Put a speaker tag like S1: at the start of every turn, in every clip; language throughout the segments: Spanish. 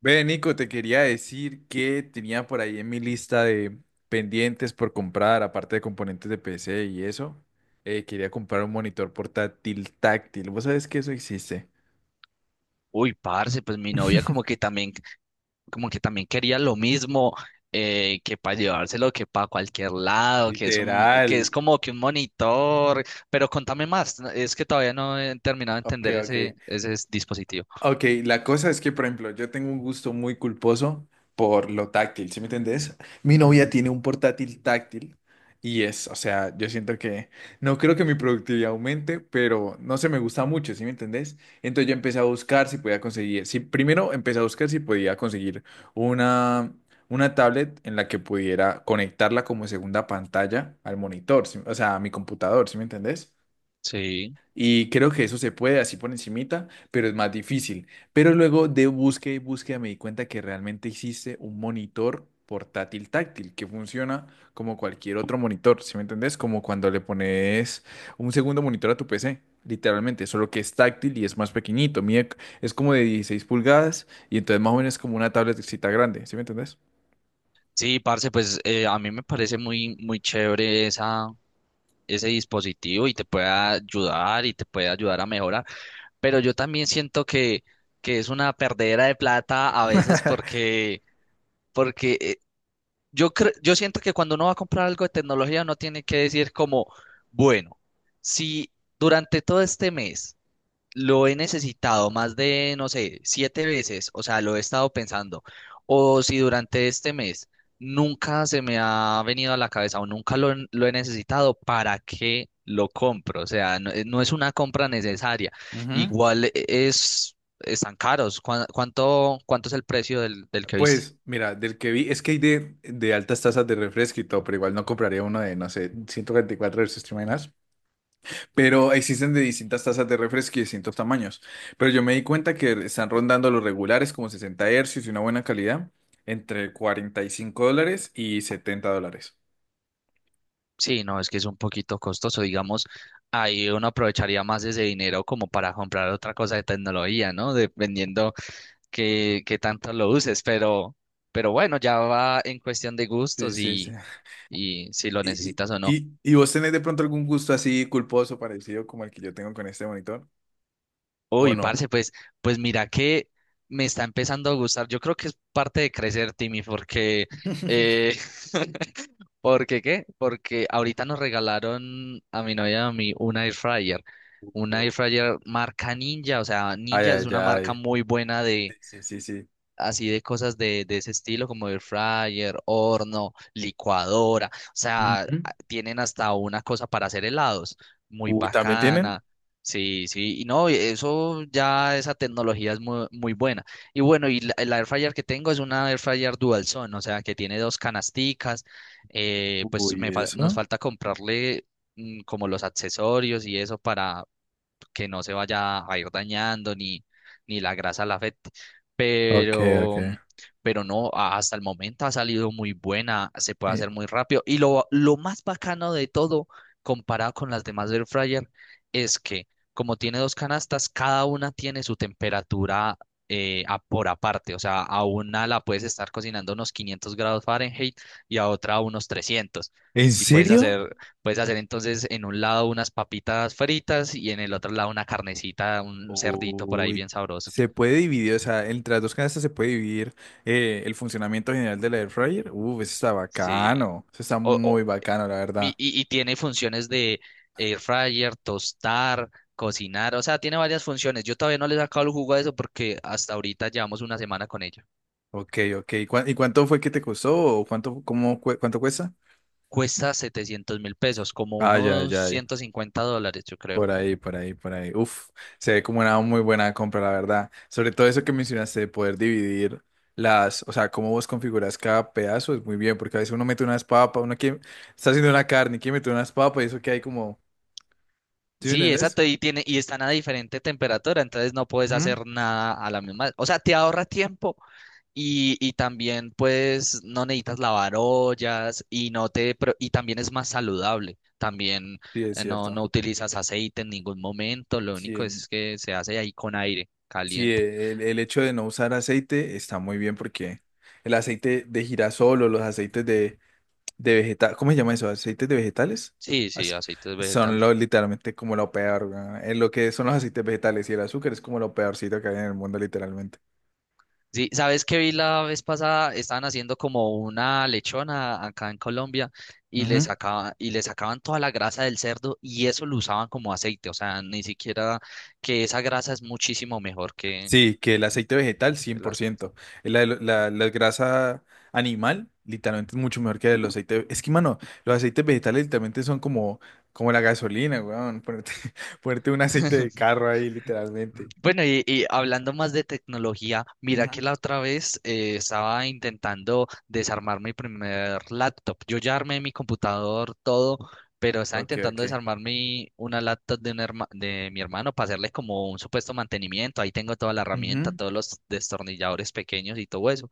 S1: Ve, Nico, te quería decir que tenía por ahí en mi lista de pendientes por comprar, aparte de componentes de PC y eso, quería comprar un monitor portátil táctil. ¿Vos sabés que eso existe?
S2: Uy, parce, pues mi novia como que también, como que también quería lo mismo, que para llevárselo, que para cualquier lado, que
S1: Literal.
S2: es como que un monitor, pero contame más, no, es que todavía no he terminado de
S1: Ok,
S2: entender
S1: ok.
S2: dispositivo.
S1: Ok, la cosa es que, por ejemplo, yo tengo un gusto muy culposo por lo táctil, ¿sí me entendés? Mi novia tiene un portátil táctil y es, o sea, yo siento que no creo que mi productividad aumente, pero no se me gusta mucho, ¿sí me entendés? Entonces yo empecé a buscar si podía conseguir, si primero empecé a buscar si podía conseguir una, una tablet en la que pudiera conectarla como segunda pantalla al monitor, ¿sí? O sea, a mi computador, ¿sí me entendés?
S2: Sí,
S1: Y creo que eso se puede así por encimita, pero es más difícil. Pero luego de búsqueda y búsqueda me di cuenta que realmente existe un monitor portátil táctil que funciona como cualquier otro monitor, ¿sí me entendés? Como cuando le pones un segundo monitor a tu PC, literalmente, solo que es táctil y es más pequeñito. Mide, es como de 16 pulgadas y entonces más o menos es como una tabletcita grande, ¿sí me entendés?
S2: sí, parce, pues a mí me parece muy chévere ese dispositivo y te puede ayudar a mejorar, pero yo también que es una perdera de plata a veces porque yo siento que cuando uno va a comprar algo de tecnología, uno tiene que decir como, bueno, si durante todo este mes lo he necesitado más de, no sé, 7 veces, o sea, lo he estado pensando, o si durante este mes nunca se me ha venido a la cabeza o nunca lo he necesitado, ¿para qué lo compro? O sea, no, no es una compra necesaria.
S1: Ujú.
S2: Igual están caros. ¿ cuánto es el precio del que viste?
S1: Pues, mira, del que vi, es que hay de altas tasas de refresco y todo, pero igual no compraría uno de, no sé, 144 versus Trimanas. Pero existen de distintas tasas de refresco y distintos tamaños. Pero yo me di cuenta que están rondando los regulares como 60 hercios y una buena calidad, entre $45 y $70.
S2: Sí, no, es que es un poquito costoso, digamos, ahí uno aprovecharía más ese dinero como para comprar otra cosa de tecnología, ¿no? Dependiendo qué tanto lo uses, pero bueno, ya va en cuestión de
S1: Sí,
S2: gustos
S1: sí, sí.
S2: y si lo
S1: ¿Y,
S2: necesitas o no.
S1: vos tenés de pronto algún gusto así culposo parecido como el que yo tengo con este monitor? ¿O
S2: Uy,
S1: no?
S2: parce, pues, pues mira que me está empezando a gustar, yo creo que es parte de crecer, Timmy, porque eh, ¿Porque qué? Porque ahorita nos regalaron a mi novia y a mí una air fryer. Una air fryer marca Ninja, o sea,
S1: Ay,
S2: Ninja es
S1: ay,
S2: una marca
S1: ay.
S2: muy buena de,
S1: Sí, sí, sí. Sí.
S2: así de cosas de ese estilo, como air fryer, horno, licuadora, o sea,
S1: Ujú.
S2: a- tienen hasta una cosa para hacer helados, muy
S1: Uy, ¿también tienen?
S2: bacana. Sí, sí, y no, eso ya, esa tecnología es muy buena. Y bueno, el air fryer que tengo es una air fryer dual zone, o sea, que tiene dos canasticas, pues
S1: Uy,
S2: nos
S1: eso.
S2: falta comprarle como los accesorios y eso para, que no se vaya a ir dañando ni, ni la grasa la afecte.
S1: Ok, ok.
S2: Pero, pero no, a- hasta el momento ha salido muy buena, se puede
S1: Eh,
S2: hacer muy rápido. Y lo más bacano de todo, comparado con las demás air fryer, es que como tiene dos canastas, cada una tiene su temperatura a- por aparte. O sea, a una la puedes estar cocinando a unos 500 grados Fahrenheit y a otra a unos 300.
S1: ¿En
S2: Y puedes
S1: serio?
S2: hacer Puedes hacer entonces en un lado unas papitas fritas y en el otro lado una carnecita, un cerdito por ahí
S1: Uy.
S2: bien sabroso.
S1: Se puede dividir, o sea, entre las dos canastas se puede dividir el funcionamiento general de la air fryer. Uf, eso está
S2: Sí.
S1: bacano. Eso está
S2: O-
S1: muy bacano, la verdad.
S2: y tiene funciones de air fryer, tostar, cocinar. O sea, tiene varias funciones. Yo todavía no le he sacado el jugo a eso porque hasta ahorita llevamos una semana con ella.
S1: Ok, ok. ¿Cuá- ¿Y cuánto fue que te costó? ¿O cuánto, cómo, cue- cuánto cuesta?
S2: Cuesta 700.000 pesos, como
S1: Ay, ay,
S2: unos
S1: ay.
S2: $150, yo creo.
S1: Por ahí, por ahí, por ahí. Uf, se ve como una muy buena compra, la verdad. Sobre todo eso que mencionaste de poder dividir las, o sea, cómo vos configuras cada pedazo es muy bien, porque a veces uno mete unas papas, uno quiere, está haciendo una carne, quiere meter unas papas y eso que hay como, ¿sí me
S2: Sí,
S1: entendés?
S2: exacto, y tiene, y están a diferente temperatura, entonces no puedes
S1: Ujú.
S2: hacer nada a la misma. O sea, te ahorra tiempo. Y también pues no necesitas lavar ollas y no te pro- y también es más saludable. También
S1: Sí, es
S2: no,
S1: cierto.
S2: no utilizas aceite en ningún momento, lo
S1: Sí,
S2: único
S1: el,
S2: es que se hace ahí con aire
S1: sí,
S2: caliente.
S1: el hecho de no usar aceite está muy bien porque el aceite de girasol o los aceites de vegetal, ¿cómo se llama eso? ¿Aceites de vegetales?
S2: Sí, sí,
S1: Ace-
S2: aceite
S1: Son
S2: vegetal.
S1: lo, literalmente como lo peor, weón. Es lo que son los aceites vegetales y el azúcar es como lo peorcito que hay en el mundo, literalmente.
S2: Sí, ¿sabes qué vi la vez pasada? Estaban haciendo como una lechona acá en Colombia y
S1: Ujú.
S2: le sacaban toda la grasa del cerdo y eso lo usaban como aceite. O sea, ni siquiera que esa grasa es muchísimo mejor
S1: Sí, que el aceite vegetal,
S2: que el aceite.
S1: 100%. La grasa animal, literalmente es mucho mejor que el aceite. Es que, mano, los aceites vegetales literalmente son como, como la gasolina, weón. Ponerte, ponerte un aceite de carro ahí, literalmente.
S2: Bueno, y hablando más de tecnología, mira que
S1: Ujú.
S2: la otra vez estaba intentando desarmar mi primer laptop. Yo ya armé mi computador, todo, pero estaba
S1: Ok,
S2: intentando
S1: ok.
S2: desarmar una laptop de, de mi hermano para hacerle como un supuesto mantenimiento. Ahí tengo toda la herramienta,
S1: Ujú.
S2: todos los destornilladores pequeños y todo eso.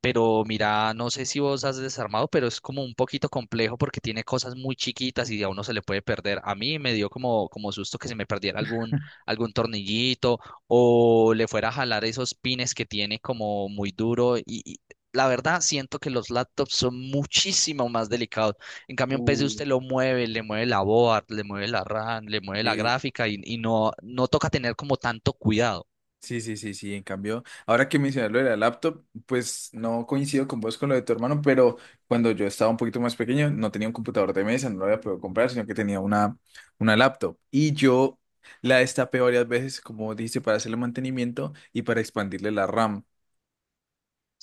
S2: Pero mira, no sé si vos has desarmado, pero es como un poquito complejo porque tiene cosas muy chiquitas y a uno se le puede perder. A mí me dio como susto que se me perdiera algún, algún tornillito o le fuera a jalar esos pines que tiene como muy duro. Y la verdad, siento que los laptops son muchísimo más delicados. En cambio, un PC
S1: Uh,
S2: usted lo mueve, le mueve la board, le mueve la RAM, le mueve la
S1: Y
S2: gráfica y no, no toca tener como tanto cuidado.
S1: sí, sí, sí, sí, en cambio, ahora que mencionas lo de la laptop, pues no coincido con vos con lo de tu hermano, pero cuando yo estaba un poquito más pequeño, no tenía un computador de mesa, no lo había podido comprar, sino que tenía una laptop. Y yo la destapé varias veces, como dijiste, para hacerle mantenimiento y para expandirle la RAM.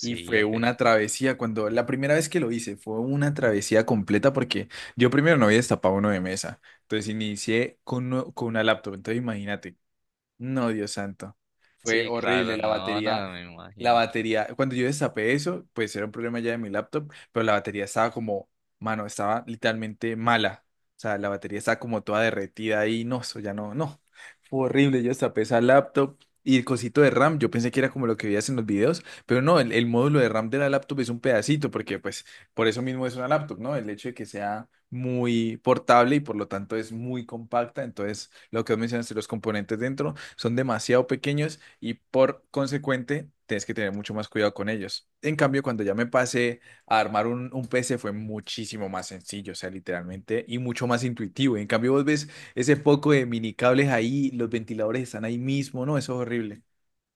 S1: Y fue
S2: ok.
S1: una travesía, cuando la primera vez que lo hice, fue una travesía completa porque yo primero no había destapado uno de mesa, entonces inicié con, uno- con una laptop, entonces imagínate. No, Dios santo. Fue
S2: Sí, claro,
S1: horrible la
S2: no,
S1: batería.
S2: no me
S1: La
S2: imagino.
S1: batería, cuando yo destapé eso, pues era un problema ya de mi laptop, pero la batería estaba como, mano, estaba literalmente mala. O sea, la batería estaba como toda derretida ahí, no, eso ya no, no. Fue horrible, yo destapé esa laptop y el cosito de RAM, yo pensé que era como lo que veías en los videos, pero no, el módulo de RAM de la laptop es un pedacito, porque pues por eso mismo es una laptop, ¿no? El hecho de que sea muy portable y por lo tanto es muy compacta. Entonces, lo que vos mencionaste, los componentes dentro son demasiado pequeños y por consecuente tienes que tener mucho más cuidado con ellos. En cambio, cuando ya me pasé a armar un PC fue muchísimo más sencillo, o sea, literalmente, y mucho más intuitivo. En cambio, vos ves ese poco de mini cables ahí, los ventiladores están ahí mismo, ¿no? Eso es horrible.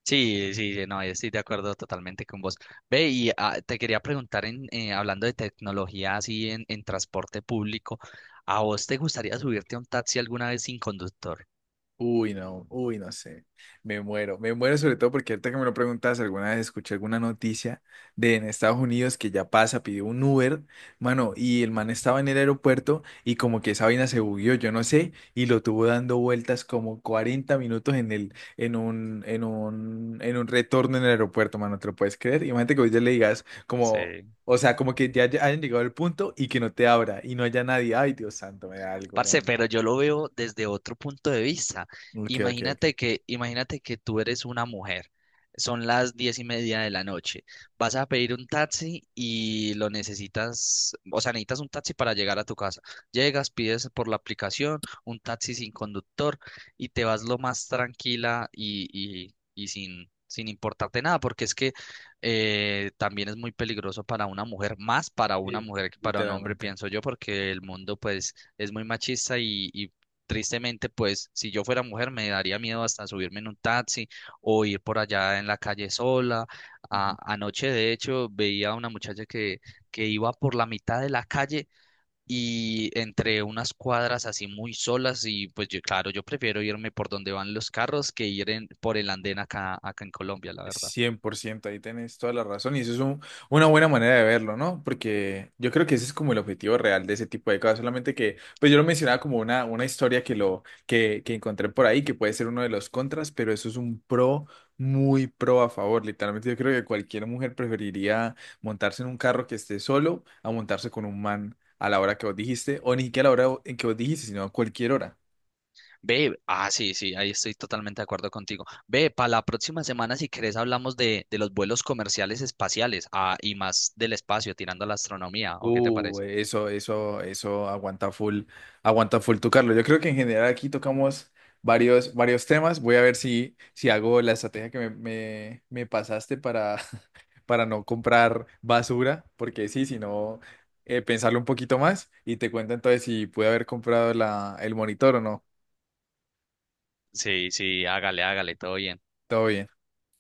S2: Sí, sí, sí, no, estoy de acuerdo totalmente con vos. Ve, te quería preguntar, hablando de tecnología así en transporte público, ¿a vos te gustaría subirte a un taxi alguna vez sin conductor?
S1: Uy, no sé. Me muero sobre todo porque ahorita que me lo preguntas, alguna vez escuché alguna noticia de en Estados Unidos que ya pasa, pidió un Uber, mano, y el man estaba en el aeropuerto y como que esa vaina se bugueó, yo no sé, y lo tuvo dando vueltas como 40 minutos en el, en un retorno en el aeropuerto, mano, ¿te lo puedes creer? Imagínate que hoy ya le digas como,
S2: Sí.
S1: o sea, como que ya hayan llegado al punto y que no te abra y no haya nadie. Ay, Dios santo, me da algo,
S2: Parce,
S1: weón.
S2: pero yo lo veo desde otro punto de vista.
S1: Ok, ok, ok.
S2: Imagínate que tú eres una mujer. Son las 10:30 de la noche. Vas a pedir un taxi y lo necesitas, o sea, necesitas un taxi para llegar a tu casa. Llegas, pides por la aplicación un taxi sin conductor y te vas lo más tranquila y sin importarte nada, porque es que también es muy peligroso para una mujer, más para una
S1: Sí.
S2: mujer que para un hombre,
S1: Literalmente.
S2: pienso yo, porque el mundo pues es muy machista y tristemente, pues si yo fuera mujer me daría miedo hasta subirme en un taxi o ir por allá en la calle sola.
S1: Ujú.
S2: Anoche, de hecho, veía a una muchacha que iba por la mitad de la calle y entre unas cuadras así muy solas y pues yo, claro, yo prefiero irme por donde van los carros que por el andén acá en Colombia, la verdad.
S1: Cien por ciento ahí tenés toda la razón y eso es un- una buena manera de verlo, ¿no? Porque yo creo que ese es como el objetivo real de ese tipo de cosas, solamente que, pues yo lo mencionaba como una historia que, lo, que encontré por ahí, que puede ser uno de los contras, pero eso es un pro, muy pro a favor, literalmente yo creo que cualquier mujer preferiría montarse en un carro que esté solo a montarse con un man a la hora que vos dijiste, o ni siquiera a la hora en que vos dijiste, sino a cualquier hora.
S2: Ve, ah, sí, sí, ahí estoy totalmente de acuerdo contigo. Ve, para la próxima semana, si querés, hablamos de los vuelos comerciales espaciales, ah, y más del espacio, tirando a la astronomía, ¿o qué te parece?
S1: Eso, eso, eso aguanta full tu Carlos. Yo creo que en general aquí tocamos varios, varios temas. Voy a ver si, si hago la estrategia que me pasaste para, para no comprar basura, porque sí, si no, pensarlo un poquito más y te cuento entonces si pude haber comprado la, el monitor o no.
S2: Sí, sí, hágale, hágale, todo bien.
S1: Todo bien.